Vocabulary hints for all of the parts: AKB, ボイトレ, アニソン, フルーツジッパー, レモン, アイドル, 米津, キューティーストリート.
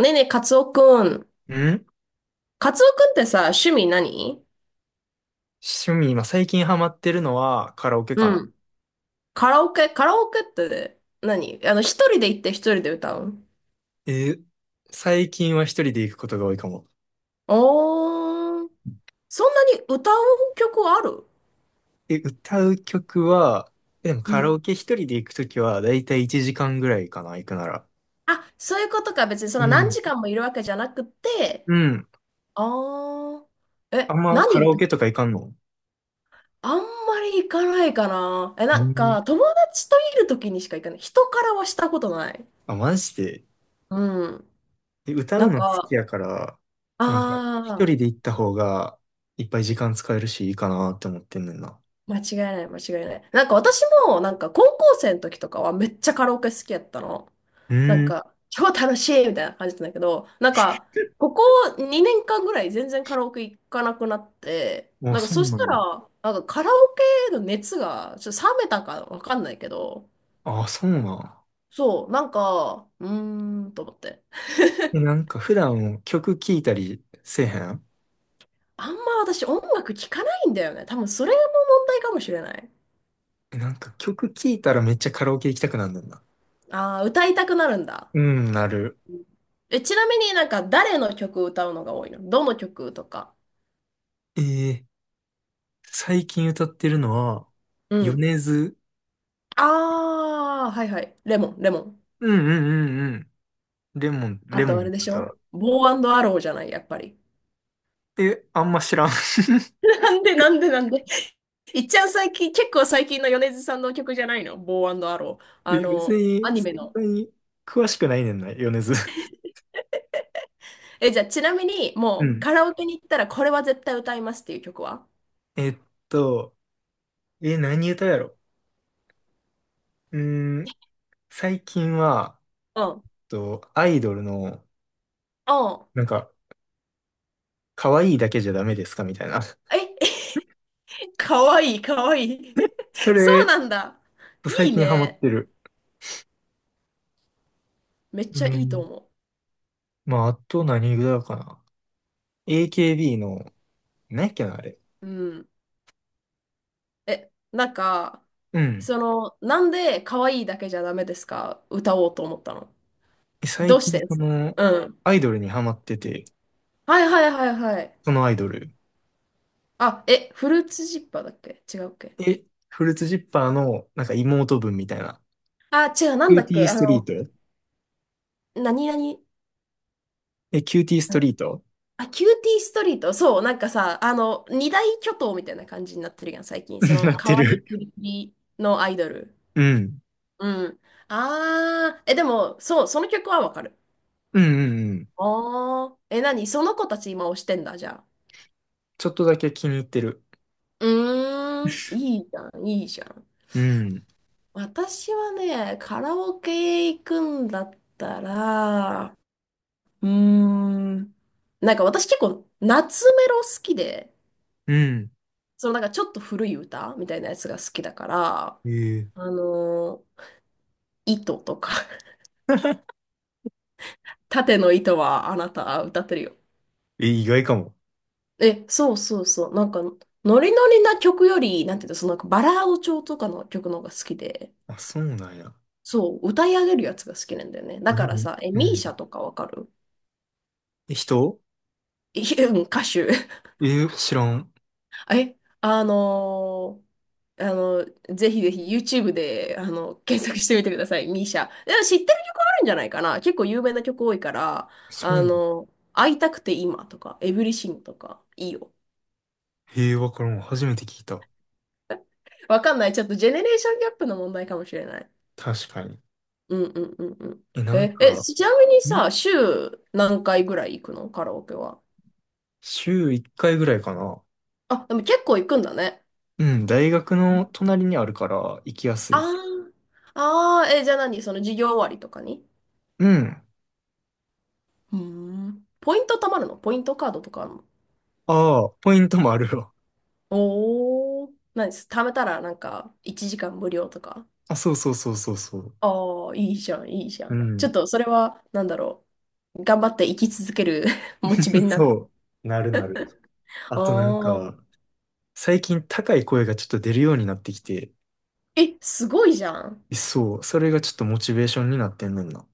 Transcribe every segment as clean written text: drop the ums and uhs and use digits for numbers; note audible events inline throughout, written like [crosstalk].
ねえねえ、カツオくん。ん、カツオくんってさ、趣味何？趣味、今最近ハマってるのはカラオケかうな。ん。カラオケカラオケって何？一人で行って一人で歌う？え、最近は一人で行くことが多いかも。おー、そんなに歌う曲ある？え、歌う曲は、でもうカラん。オケ一人で行くときはだいたい1時間ぐらいかな、行くなら。あ、そういうことか。別にそのう何ん。時間もいるわけじゃなくて。うん。あー。あんえ、まカ何ラオ歌う？ケとか行かんの？あんまり行かないかな。え、うなんん。か、友達といる時にしか行かない。人からはしたことない。あ、マジで。うん。え、歌なうんの好きか、やから、なんか一あ、人で行った方がいっぱい時間使えるしいいかなって思ってんねんな。間違いない、間違いない。なんか私も、なんか高校生の時とかはめっちゃカラオケ好きやったの。うなんん。か、超楽しいみたいな感じなんだけど、なんか、ここ2年間ぐらい全然カラオケ行かなくなって、もうなんかそうそしなたら、の？なんかカラオケの熱がちょっと冷めたかわかんないけど、あ、そうなの？そう、なんか、うーんと思って。え、なんか普段曲聴いたりせえへん？あんま私音楽聴かないんだよね。多分それも問題かもしれない。え、なんか曲聴いたらめっちゃカラオケ行きたくなんだんな。ああ、歌いたくなるんだ。うん、なる。え、ちなみになんか誰の曲を歌うのが多いの？どの曲とか？えー、最近歌ってるのは、うん。米津。ああ、はいはい。レモン、レモン。うんうんうんうん。レモン、あレモンとあのれでしょ？歌。ボーアローじゃない、やっぱり。え、あんま知らん。[laughs] [laughs] なんでなんでなんで。いっちゃん最近、結構最近の米津さんの曲じゃないの？ボーアロー。あえ、別の、アに、ニそメんの。なに詳しくないねんな、米津。え、じゃあちなみに、うもうん。カラオケに行ったらこれは絶対歌いますっていう曲は？ [laughs] えっと、え、何歌やろ？うーん、最近は、うん。アイドルの、うん。なんか、可愛いだけじゃダメですかみたいな。[laughs] え、かわいい、かわいい。そ [laughs] それ、うなんだ。と最いい近ハマっね。てる。めっうちゃいいとん。思まあ、あと何ぐらいかな。AKB の、何やっけな、あれ。う。うん。え、なんか、うん。その、なんで可愛いだけじゃダメですか歌おうと思ったの？最どうし近、てでそす？の、うん。アイドルにハマってて、はいはいはいはい。そのアイドル。あ、え、フルーツジッパーだっけ？違うっけ？え、フルーツジッパーの、なんか妹分みたいな。あ、違う、なキんだューっティーけ？ストリート。何々、え、キューティーストリート。 あ、キューティーストリート。そう、なんかさ、あの、二大巨頭みたいな感じになってるやん、最近。そ [laughs] の、なって可愛いる。プリプリのアイドル。うん。うん。あー、え、でも、そう、その曲はわかる。うんうんうん。あー、え、何その子たち今推してんだ、じゃあ。ちょっとだけ気に入ってる。うーん、いいじゃん、いいじゃん。うん。私はね、カラオケ行くんだったら、うーん、なんか私結構夏メロ好きで、うん。そのなんかちょっと古い歌みたいなやつが好きだから、えあのー糸とか [laughs] え、[laughs] 縦の糸はあなた歌ってるよ。え、意外かも。え、そうそうそう。なんか、ノリノリな曲より、なんていうの、そのなんかバラード調とかの曲の方が好きで。あ、そうなんや。そう、歌い上げるやつが好きなんだよね。だあ、でからも、さ、え、うミーん。シャとかわかる？ え、人？ [laughs] いやうん、歌手。[laughs] え、知らん。え、ーあの、ぜひぜひ YouTube で、あの、検索してみてください、ミーシャ。でも知ってる曲あるんじゃないかな。結構有名な曲多いから、そあう。の、会いたくて今とか、エブリシングとか、いいよ。へえ、わからん。初めて聞いた。わかんない。ちょっとジェネレーションギャップの問題かもしれない。確かに。うんうんうんうん。え、なんえ、か、ちなみにさ、ん、週何回ぐらい行くの？カラオケは。週1回ぐらいかな。あ、でも結構行くんだね。うん、大学の隣にあるから行きやすあい。あ、ああ、え、じゃあ何？その授業終わりとかに？うん。うーん。ポイント貯まるの？ポイントカードとかあるの？ああ、ポイントもあるよ。おー。何です？貯めたらなんか1時間無料とか？あ、そうそうそうそうそう。ああ、いいじゃん、いいじゃうん。ちょっん。とそれは、なんだろう。頑張って生き続ける [laughs] モチベ [laughs] になる。そう。なるなる。ああとなんか、あ。最近高い声がちょっと出るようになってきて、え、すごいじゃん。そう、それがちょっとモチベーションになってんねんな。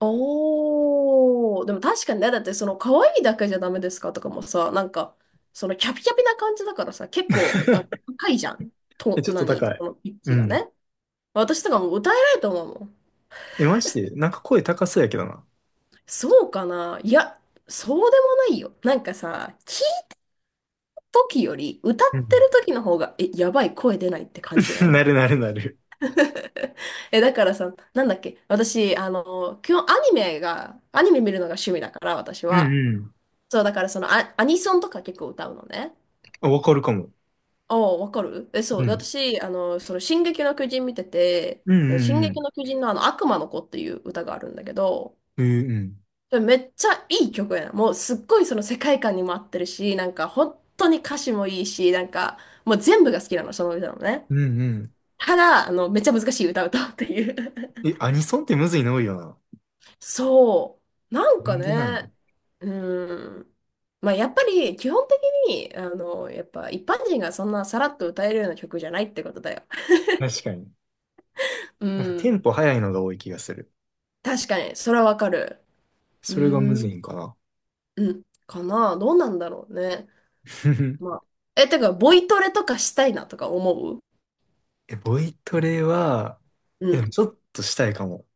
おー、でも確かにね、だってその可愛いだけじゃダメですかとかもさ、なんか、そのキャピキャピな感じだからさ、結構、なんか [laughs] 高いじゃん。え、と、ちょっと何高い。そのピッうチがん。ね。私とかも歌えないと思うもん。え、まして、なんか声高そうやけどな。そうかな？いや、そうでもないよ。なんかさ、聞いた時より歌うってん。る時の方が、え、やばい声出ないって感じな [laughs] い？ なるなるなる。[laughs] え、だからさ、なんだっけ、私、あの、基本アニメ見るのが趣味だから、私うんは。うん。そう、だからそのアニソンとか結構歌うのね。あ、わかるかも。ああ、わかる。え、そうう。でん。私、あの、その、進撃の巨人見てて、うんそのう進んう撃ん。の巨人のあの、悪魔の子っていう歌があるんだけど、うんうん。それめっちゃいい曲やな。もう、すっごいその世界観にも合ってるし、なんか、本当に歌詞もいいし、なんか、もう全部が好きなの、その歌のね。うんうただ、あの、めっちゃ難しい歌を歌うっていう ん。え、アニソンってむずいの多いよな。[laughs] そう。なんなかんでなの？ね、うん。まあ、やっぱり、基本的に、あの、やっぱ、一般人がそんなさらっと歌えるような曲じゃないってことだよ。確かに。うなんかテん。ンポ早いのが多い気がする。確かに、それはわかる。うそれがむーずん、いんかな。うん、かな。どうなんだろうね。まあ。[laughs] え、てか、ボイトレとかしたいなとか思う？え、ボイトレは、うえ、でもん。ちょっとしたいかも。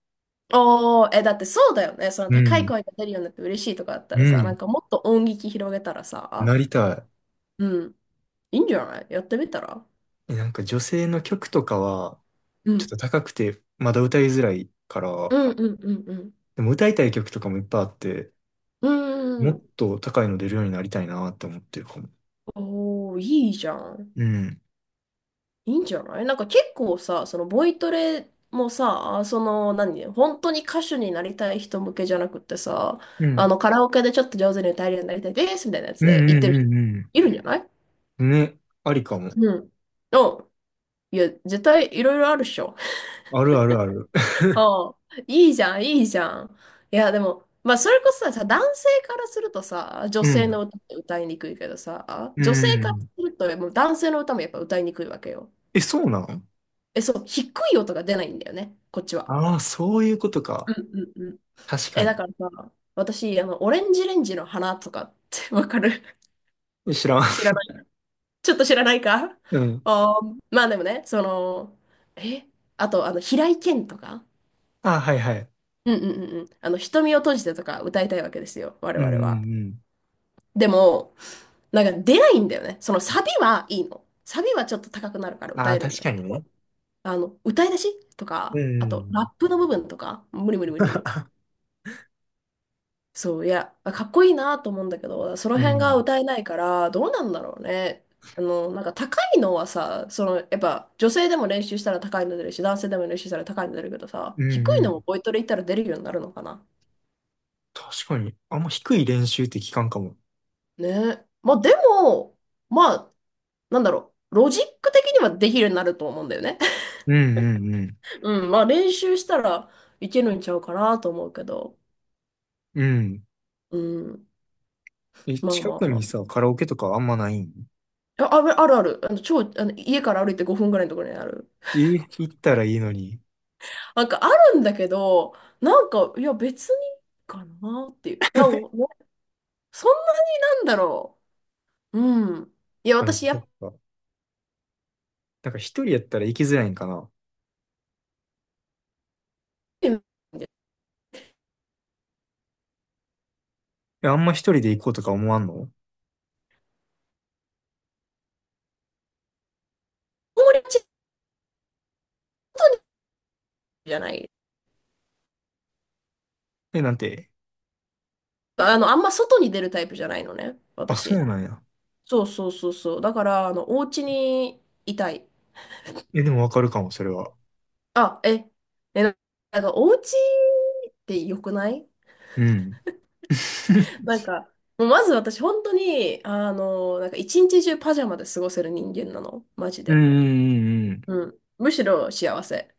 おー、え、だってそうだよね。そのう高いん。声が出るようになって嬉しいとかあったらうさ、なんん。かもっと音域広げたらなさ、りたうん、いいんじゃない？やってみたら？い。え、なんか女性の曲とかは、うちょっん。と高くて、まだ歌いづらいかうら、んうんうんでも歌いたい曲とかもいっぱいあって、うん。もうーっん。と高いの出るようになりたいなって思ってるかも。おー、いいじゃん。うん。いいんじゃない？なんか結構さ、そのボイトレもさ、その何、本当に歌手になりたい人向けじゃなくってさ、うあんのカラオケでちょっと上手に歌えるようになりたいですみたいなやうつんで言っうてんる人うんいるんじゃない？うん。ね、ありかも。うん。うん。いや、絶対いろいろあるっしょ。あるあるある。[laughs] [laughs] ああ、いいじゃん、いいじゃん。いや、でも、まあ、それこそさ、男性からするとさ、女う性のん。歌って歌いにくいけどさ、う女性からすん。ると、もう男性の歌もやっぱ歌いにくいわけよ。え、そうなの？え、そう、低い音が出ないんだよね、こっちは。ああー、そういうことうか。んうんうん。確え、かだに。からさ、私、あの、オレンジレンジの花とかってわかる？ [laughs] 知らん。知ら [laughs] ない。ちょっと知らないか。うん。あー、まあでもね、その、え、あと、あの、平井堅とか、ああ、はいはい。うんうんうんうん、あの、瞳を閉じてとか歌いたいわけですよ、我うんう々んうは。ん。でも、なんか出ないんだよね。そのサビはいいの。サビはちょっと高くなるからあ歌あ、えるん確だかけにど、ね。あの、歌い出しとうか、あと、ラんップの部分とか、無理無理無理無理。そう、いや、かっこいいなと思うんだけど、そのうん。う辺がん。歌えないから、どうなんだろうね。あの、なんか高いのはさ、その、やっぱ女性でも練習したら高いの出るし、男性でも練習したら高いの出るけどさ、う低んいうん。のもボイトレ行ったら出るようになるのかな。確かに。あんま低い練習って聞かんかも。ね。まあでも、まあ、なんだろう、ロジック的にはできるようになると思うんだよね。うんうんうん。[laughs] うん、まあ練習したらいけるんちゃうかなと思うけど、うん。うん、え、まあ近まあくまにあ。さ、カラオケとかあんまないん？あ、あるあるある、あの、超、家から歩いて5分ぐらいのところにある。え、行ったらいいのに。なんかあるんだけど、なんか、いや、別にかなっていう。なんかねそんなになんだろう。うん。いや、うん、私、やっそぱっか。なんか一人やったら行きづらいんかな。り、え、あんま一人で行こうとか思わんの？子守ちじゃない。え、なんて。あの、あんま外に出るタイプじゃないのね、あ、そう私。なんや。そうそうそうそう。だから、あの、お家にいたい。え、でもわかるかも、それは。あ、え、ななんか、お家って良くない？ うん。[laughs] なん [laughs] か、もうまず私、本当に、あの、なんか、一日中パジャマで過ごせる人間なの。マジうんうで。んうんうん。むしろ幸せ。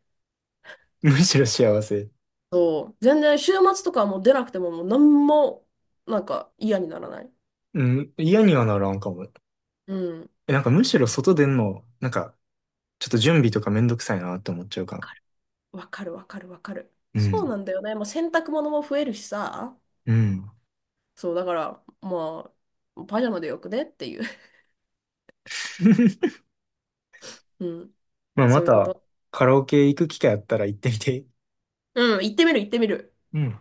うん。むしろ幸せ。そう、全然週末とかはもう出なくてももう何もなんか嫌にならない。うん、嫌にはならんかも。うん。わえ、なんかむしろ外出んの、なんか、ちょっと準備とかめんどくさいなって思っちゃうかな。かるわかるわかるわかる。うそうん。なんだよね。まあ、洗濯物も増えるしさ。うん。そう、だから、まあ、パジャマでよくねっていう。[laughs] [laughs] うん。まあ、そまういうこた、と。カラオケ行く機会あったら行ってみて。うん、行ってみる行ってみる。うん。